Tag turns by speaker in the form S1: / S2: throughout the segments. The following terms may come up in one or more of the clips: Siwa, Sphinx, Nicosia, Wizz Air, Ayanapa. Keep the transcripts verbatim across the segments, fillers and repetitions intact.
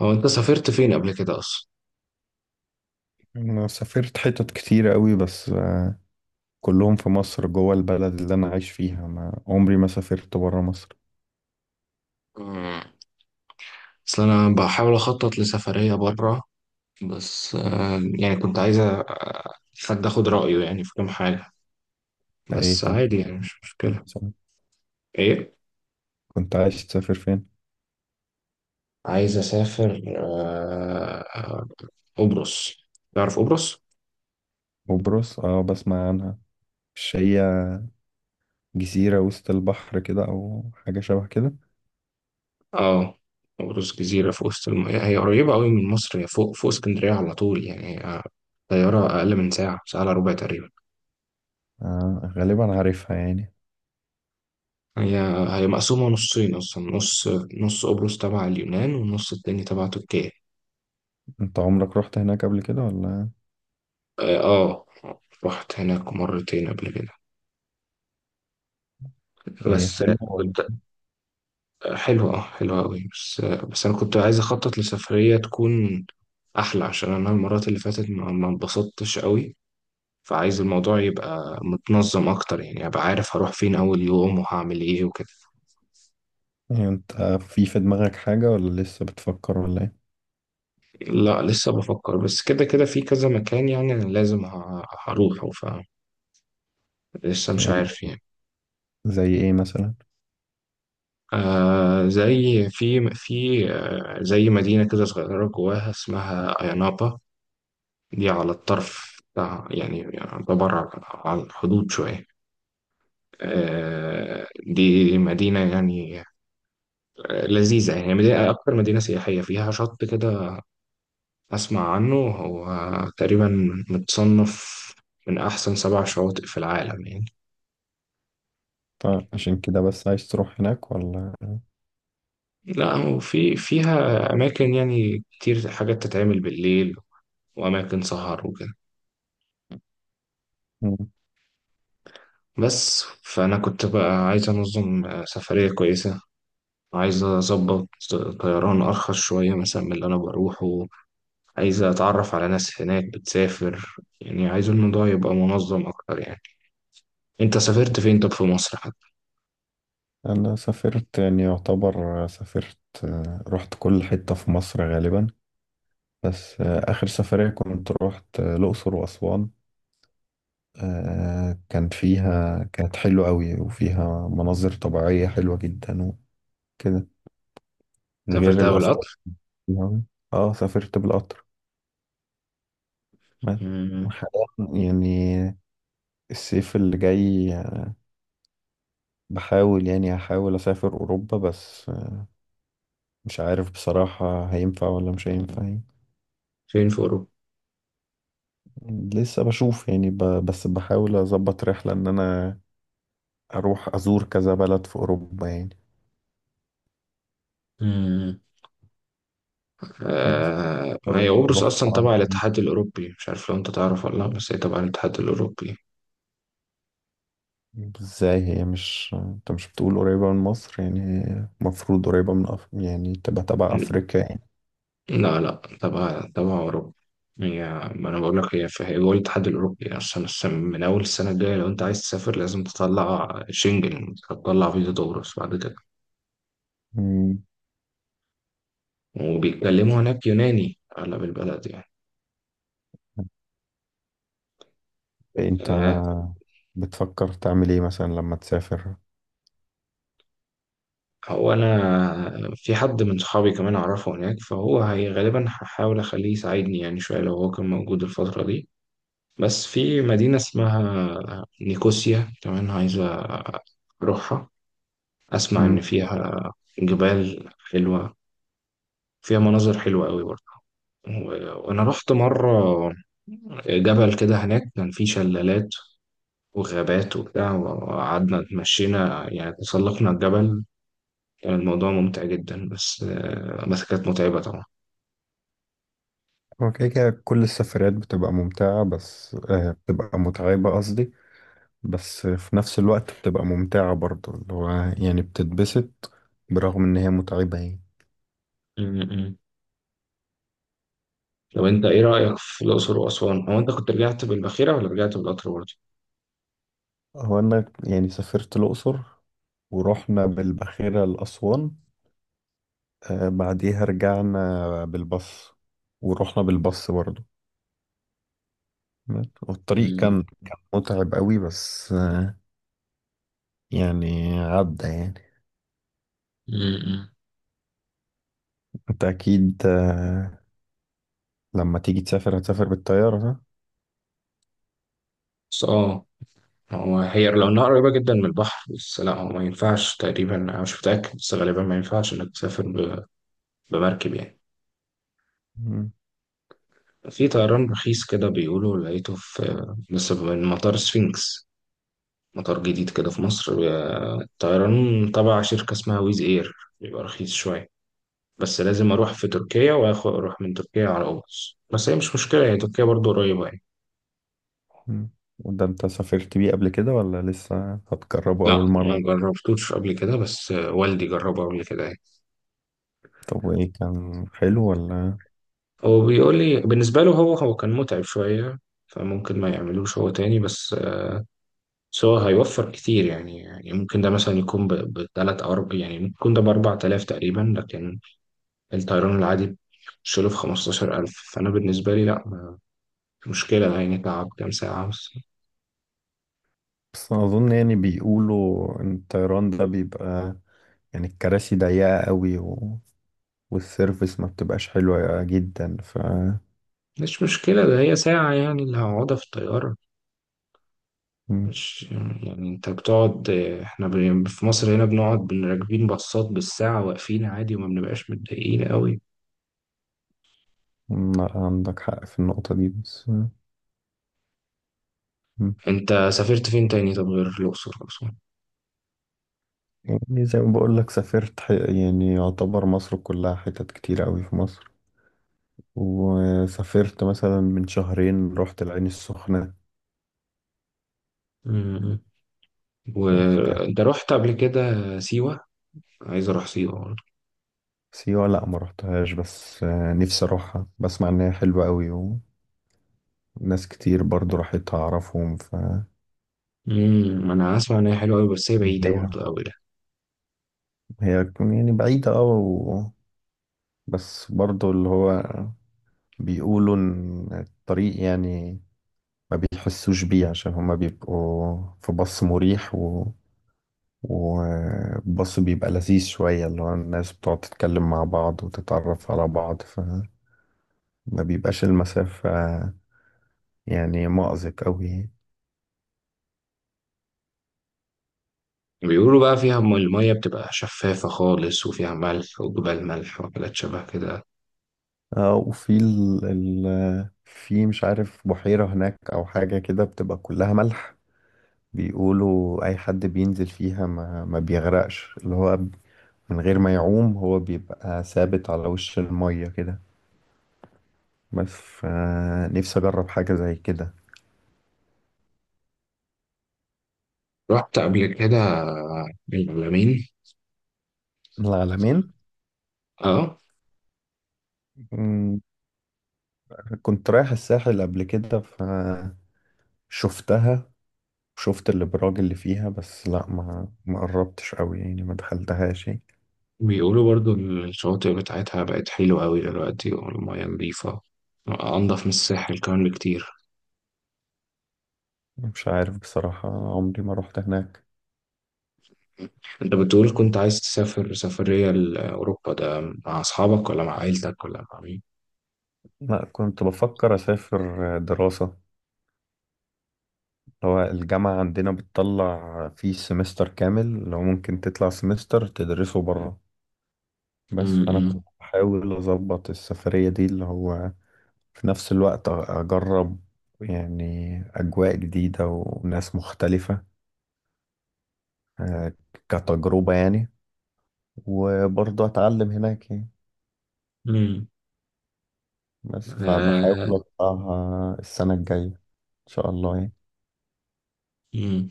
S1: هو انت سافرت فين قبل كده اصلا؟
S2: انا سافرت حتت كتير قوي بس آه، كلهم في مصر جوه البلد اللي انا عايش فيها، ما عمري ما سافرت برا مصر.
S1: مم. اصل انا بحاول اخطط لسفرية بره، بس آه، يعني كنت عايزة حد اخد
S2: أنت،
S1: رأيه يعني في كام حاجة.
S2: ايه
S1: بس
S2: كنت
S1: عادي، يعني مش مشكلة. ايه.
S2: كنت عايش تسافر فين؟
S1: عايز اسافر آه، آه، قبرص. تعرف قبرص؟
S2: قبرص، اه بسمع عنها. مش هي جزيرة وسط البحر كده او حاجة شبه كده؟
S1: اه. قبرص جزيرة في وسط المياه، هي قريبة قوي من مصر، هي فوق فوق اسكندرية على طول، يعني آه، طيارة اقل من ساعة، ساعة الا ربع تقريبا.
S2: آه، غالبا عارفها يعني.
S1: هي هي مقسومة نصين أصلا، نص، نص قبرص تبع اليونان والنص التاني تبع تركيا.
S2: انت عمرك رحت هناك قبل كده ولا؟
S1: اه. آه، رحت هناك مرتين قبل كده.
S2: وهي
S1: بس آه،
S2: حلوة ولا؟
S1: كنت آه، حلوة، اه، حلوة أوي. بس آه، بس أنا كنت عايز أخطط لسفرية تكون أحلى، عشان أنا المرات اللي فاتت ما ما اتبسطتش أوي. فعايز الموضوع يبقى متنظم أكتر، يعني أبقى عارف هروح فين أول يوم وهعمل إيه وكده.
S2: إيه؟ يعني انت في في دماغك حاجة ولا لسه بتفكر ولا ايه؟
S1: لا لسه بفكر، بس كده كده في كذا مكان، يعني أنا لازم ه- هروحه. فلسه مش
S2: إيه،
S1: عارف
S2: زي
S1: يعني.
S2: زي ايه مثلا؟
S1: آه زي في في آه زي مدينة كده صغيرة جواها اسمها أيانابا. دي على الطرف بتاع، يعني يعتبر على على الحدود شوية. آه دي مدينة يعني، آه، لذيذة، يعني هي مدينة، أكتر مدينة سياحية فيها شط كده. أسمع عنه هو تقريبا متصنف من أحسن سبع شواطئ في العالم يعني.
S2: طيب، عشان كده بس عايز تروح هناك ولا؟
S1: لا، وفي فيها أماكن يعني كتير، حاجات تتعمل بالليل، وأماكن سهر وكده.
S2: مم.
S1: بس فأنا كنت بقى عايز أنظم آه، سفرية كويسة. عايز أظبط آه، طيران أرخص شوية مثلا من اللي أنا بروحه. عايز أتعرف على ناس هناك بتسافر، يعني عايز الموضوع يبقى منظم أكتر يعني. أنت سافرت فين طب في مصر حتى؟
S2: أنا سافرت يعني يعتبر سافرت. آه، رحت كل حتة في مصر غالبا. بس آه، آخر سفرية كنت رحت آه، الأقصر وأسوان. آه، كان فيها كانت حلوة أوي، وفيها مناظر طبيعية حلوة جدا وكده، غير
S1: سافرتها
S2: الأسعار
S1: بالقطر؟
S2: فيها. اه، سافرت بالقطر بس.
S1: مم.
S2: حاليا يعني، الصيف اللي جاي، بحاول يعني هحاول أسافر أوروبا، بس آه، مش عارف بصراحة هينفع ولا مش هينفع يعني.
S1: فين في أوروبا؟
S2: لسه بشوف يعني ب... بس بحاول أظبط رحلة إن أنا أروح أزور كذا بلد في أوروبا يعني.
S1: امم.
S2: بس
S1: آه هي قبرص
S2: أروح
S1: أصلا تبع الاتحاد الأوروبي، مش عارف لو أنت تعرف ولا لأ، بس هي تبع الاتحاد الأوروبي.
S2: إزاي؟ هي مش أنت مش بتقول قريبة من مصر؟ يعني هي المفروض قريبة من أف... يعني تبقى تبع أفريقيا يعني.
S1: لا، لا، تبع تبع أوروبا. هي، ما أنا بقول لك هي، في هي جوه الاتحاد الأوروبي أصلا. الس- من أول السنة الجاية، لو أنت عايز تسافر لازم تطلع شنجن، تطلع فيزا دورس بعد كده.
S2: مم.
S1: وبيتكلموا هناك يوناني أغلب البلد يعني.
S2: أنت
S1: آه.
S2: بتفكر تعمل إيه مثلا لما تسافر؟
S1: هو أنا في حد من صحابي كمان أعرفه هناك، فهو هي غالبا هحاول أخليه يساعدني يعني شوية، لو هو كان موجود الفترة دي. بس في مدينة اسمها نيكوسيا كمان عايزة أروحها. أسمع إن
S2: مم.
S1: فيها جبال حلوة، فيها مناظر حلوة قوي برضه. و- وأنا رحت مرة جبل كده هناك، كان فيه شلالات وغابات وبتاع، وقعدنا اتمشينا يعني تسلقنا الجبل. كان الموضوع ممتع جدا، بس آه، بس كانت متعبة طبعا.
S2: هو كده كده كل السفريات بتبقى ممتعة بس آه، بتبقى متعبة، قصدي بس في نفس الوقت بتبقى ممتعة برضه، اللي هو يعني بتتبسط برغم إن هي متعبة يعني.
S1: م- لو أنت، إيه رأيك في الأقصر وأسوان؟ هو أنت كنت رجعت بالباخرة ولا رجعت بالقطر برضه؟
S2: هو أنا يعني سافرت الأقصر، ورحنا بالباخرة لأسوان. آه بعديها رجعنا بالباص، ورحنا بالباص برضه. والطريق
S1: م-
S2: كان كان متعب قوي بس آه يعني عدى يعني.
S1: م- م-
S2: أنت أكيد، آه لما تيجي تسافر هتسافر بالطيارة، صح؟
S1: بس آه هو هي لو إنها قريبة جدا من البحر، بس لا هو ما ينفعش تقريبا، أنا مش متأكد بس غالبا ما ينفعش إنك تسافر ب- بمركب يعني.
S2: مم.
S1: في طيران رخيص كده بيقولوا لقيته في لسه من مطار سفينكس، مطار جديد كده في مصر. بي- طيران تبع شركة اسمها ويز اير، بيبقى رخيص شوية. بس لازم اروح في تركيا واخد اروح من تركيا على قبرص، بس هي مش مشكلة، هي تركيا برضو قريبة يعني.
S2: مم. وده أنت سافرت بيه قبل كده ولا لسه هتجربه
S1: لا
S2: أول
S1: ما
S2: مرة؟
S1: جربتوش قبل كده، بس والدي جربه قبل كده يعني.
S2: طب، وايه كان حلو ولا؟
S1: هو بيقول لي بالنسبة له هو هو كان متعب شوية، فممكن ما يعملوش هو تاني، بس بس هو هيوفر كتير، يعني يعني ممكن ده مثلا يكون بثلاث أو أربع، يعني ممكن يكون ده بأربع آلاف تقريبا، لكن الطيران العادي بتشيله في خمستاشر ألف. فأنا بالنسبة لي لأ، مش مشكلة ده، يعني تعب كام ساعة بس.
S2: بس اظن يعني بيقولوا ان الطيران ده بيبقى، يعني الكراسي ضيقة قوي، و... والسيرفس ما بتبقاش حلوة جدا ف.
S1: مش مشكلة، ده هي ساعة يعني اللي هقعدها في الطيارة.
S2: مم.
S1: مش، يعني أنت بتقعد. إحنا ب- في مصر هنا بنقعد راكبين باصات بالساعة واقفين عادي وما بنبقاش متضايقين قوي.
S2: لا، عندك حق في النقطة دي بس. مم.
S1: انت سافرت فين تاني طب، غير الاقصر واسوان؟
S2: يعني زي ما بقول لك سافرت ح... يعني يعتبر مصر كلها، حتت كتير قوي في مصر. وسافرت مثلا من شهرين رحت العين السخنة.
S1: امم.
S2: بس كان.
S1: وانت رحت قبل كده سيوه؟ عايز اروح سيوه برضه.
S2: سيوة لا ما رحتهاش، بس آه، نفسي اروحها. بسمع ان هي حلوة قوي. ناس كتير برضو راحت أعرفهم، ف
S1: امم انا اسمع ان هي حلوه قوي، بس هي بعيده
S2: ليها.
S1: برضه قوي ده.
S2: هي تكون يعني بعيدة أوي، و... بس برضو اللي هو بيقولوا إن الطريق يعني ما بيحسوش بيه، عشان هما بيبقوا في باص مريح، و... وباص بيبقى لذيذ شوية، اللي هو الناس بتقعد تتكلم مع بعض وتتعرف على بعض، فما بيبقاش المسافة يعني مأزق أوي.
S1: بيقولوا بقى فيها م- الميه بتبقى شفافه خالص، وفيها ملح وجبال ملح وحاجات شبه كده.
S2: اه، وفي ال... ال... في مش عارف بحيرة هناك أو حاجة كده بتبقى كلها ملح. بيقولوا اي حد بينزل فيها ما, ما بيغرقش، اللي هو من غير ما يعوم، هو بيبقى ثابت على وش المية كده. بس فنفسي اجرب حاجة زي كده.
S1: رحت قبل كده العلمين؟
S2: العلمين.
S1: اه.
S2: مم، كنت رايح الساحل قبل كده فشفتها. شفت الابراج اللي فيها، بس لا ما ما قربتش قوي يعني، ما دخلتهاش يعني.
S1: بيقولوا برضو الشواطئ بتاعتها بقت حلوة قوي دلوقتي، والمياه نظيفة أنضف من الساحل كمان بكتير.
S2: مش عارف بصراحة، عمري ما رحت هناك.
S1: انت بتقول كنت عايز تسافر سفرية لأوروبا ده مع أصحابك ولا مع عيلتك ولا مع مين؟
S2: لا، كنت بفكر اسافر دراسة. هو الجامعة عندنا بتطلع فيه سمستر كامل، لو ممكن تطلع سمستر تدرسه بره. بس فأنا
S1: امم.
S2: كنت بحاول أظبط السفرية دي اللي هو في نفس الوقت أ- أجرب يعني أجواء جديدة وناس مختلفة، آه، كتجربة يعني. وبرضه أتعلم هناك يعني.
S1: امم.
S2: بس فبحاول
S1: آه.
S2: أطلعها السنة الجاية إن شاء الله يعني.
S1: امم.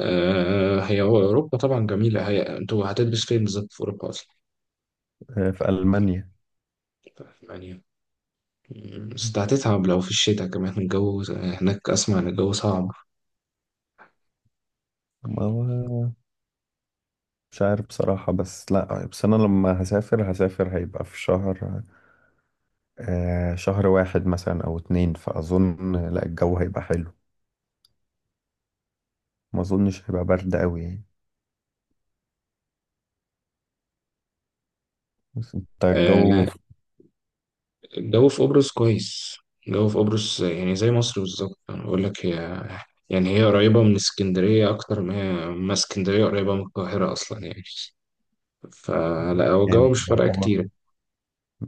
S1: آه. هي هو أوروبا طبعا جميلة. هي انتوا هتدرس فين بالظبط في أوروبا أصلا؟
S2: آه، في ألمانيا.
S1: يعني. مم، بس هتتعب لو في الشتاء كمان الجو هناك أسمع إن الجو صعب.
S2: ما هو مش عارف بصراحة. بس لا، بس أنا لما هسافر هسافر هيبقى في شهر، آه شهر واحد مثلا أو اتنين، فأظن لا، الجو هيبقى حلو. ما أظنش هيبقى برد أوي يعني. بس أنت الجو
S1: آه
S2: في-
S1: الجو في قبرص كويس. الجو في قبرص يعني زي مصر بالظبط. أنا بقول لك هي، يعني هي قريبة من اسكندرية أكتر ما هي، ما اسكندرية قريبة من القاهرة أصلا يعني. فلا، هو الجو مش
S2: يعني
S1: فارقة
S2: يعتبر
S1: كتير.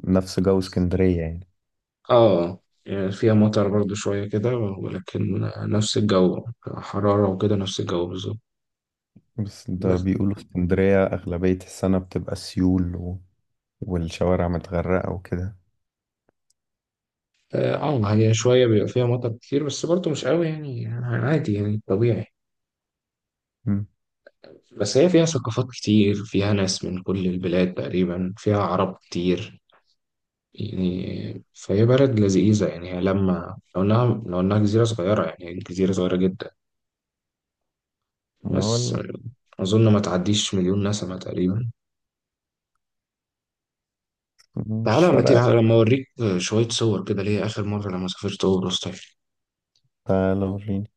S2: نفس جو اسكندرية يعني.
S1: اه يعني فيها مطر برضو شوية كده، ولكن نفس الجو حرارة وكده، نفس الجو بالظبط.
S2: بس ده
S1: بس
S2: بيقولوا اسكندرية أغلبية السنة بتبقى سيول و... والشوارع متغرقة وكده.
S1: اه، آه، هي شوية بيبقى فيها مطر كتير، بس برضو مش قوي، يعني يعني عادي يعني طبيعي.
S2: مم.
S1: بس هي فيها ثقافات كتير، فيها ناس من كل البلاد تقريبا، فيها عرب كتير. يعني فهي بلد لذيذة، يعني هي لما لو إنها لو إنها جزيرة صغيرة، يعني جزيرة صغيرة جدا
S2: ما هو
S1: بس.
S2: ال-
S1: أظن ما تعديش مليون نسمة تقريبا.
S2: مش
S1: تعالى، ما تيجي
S2: فارقة.
S1: لما أوريك آه، شوية صور كده ليا آخر مرة لما سافرت أوبروس، طيب.
S2: تعالى وريني.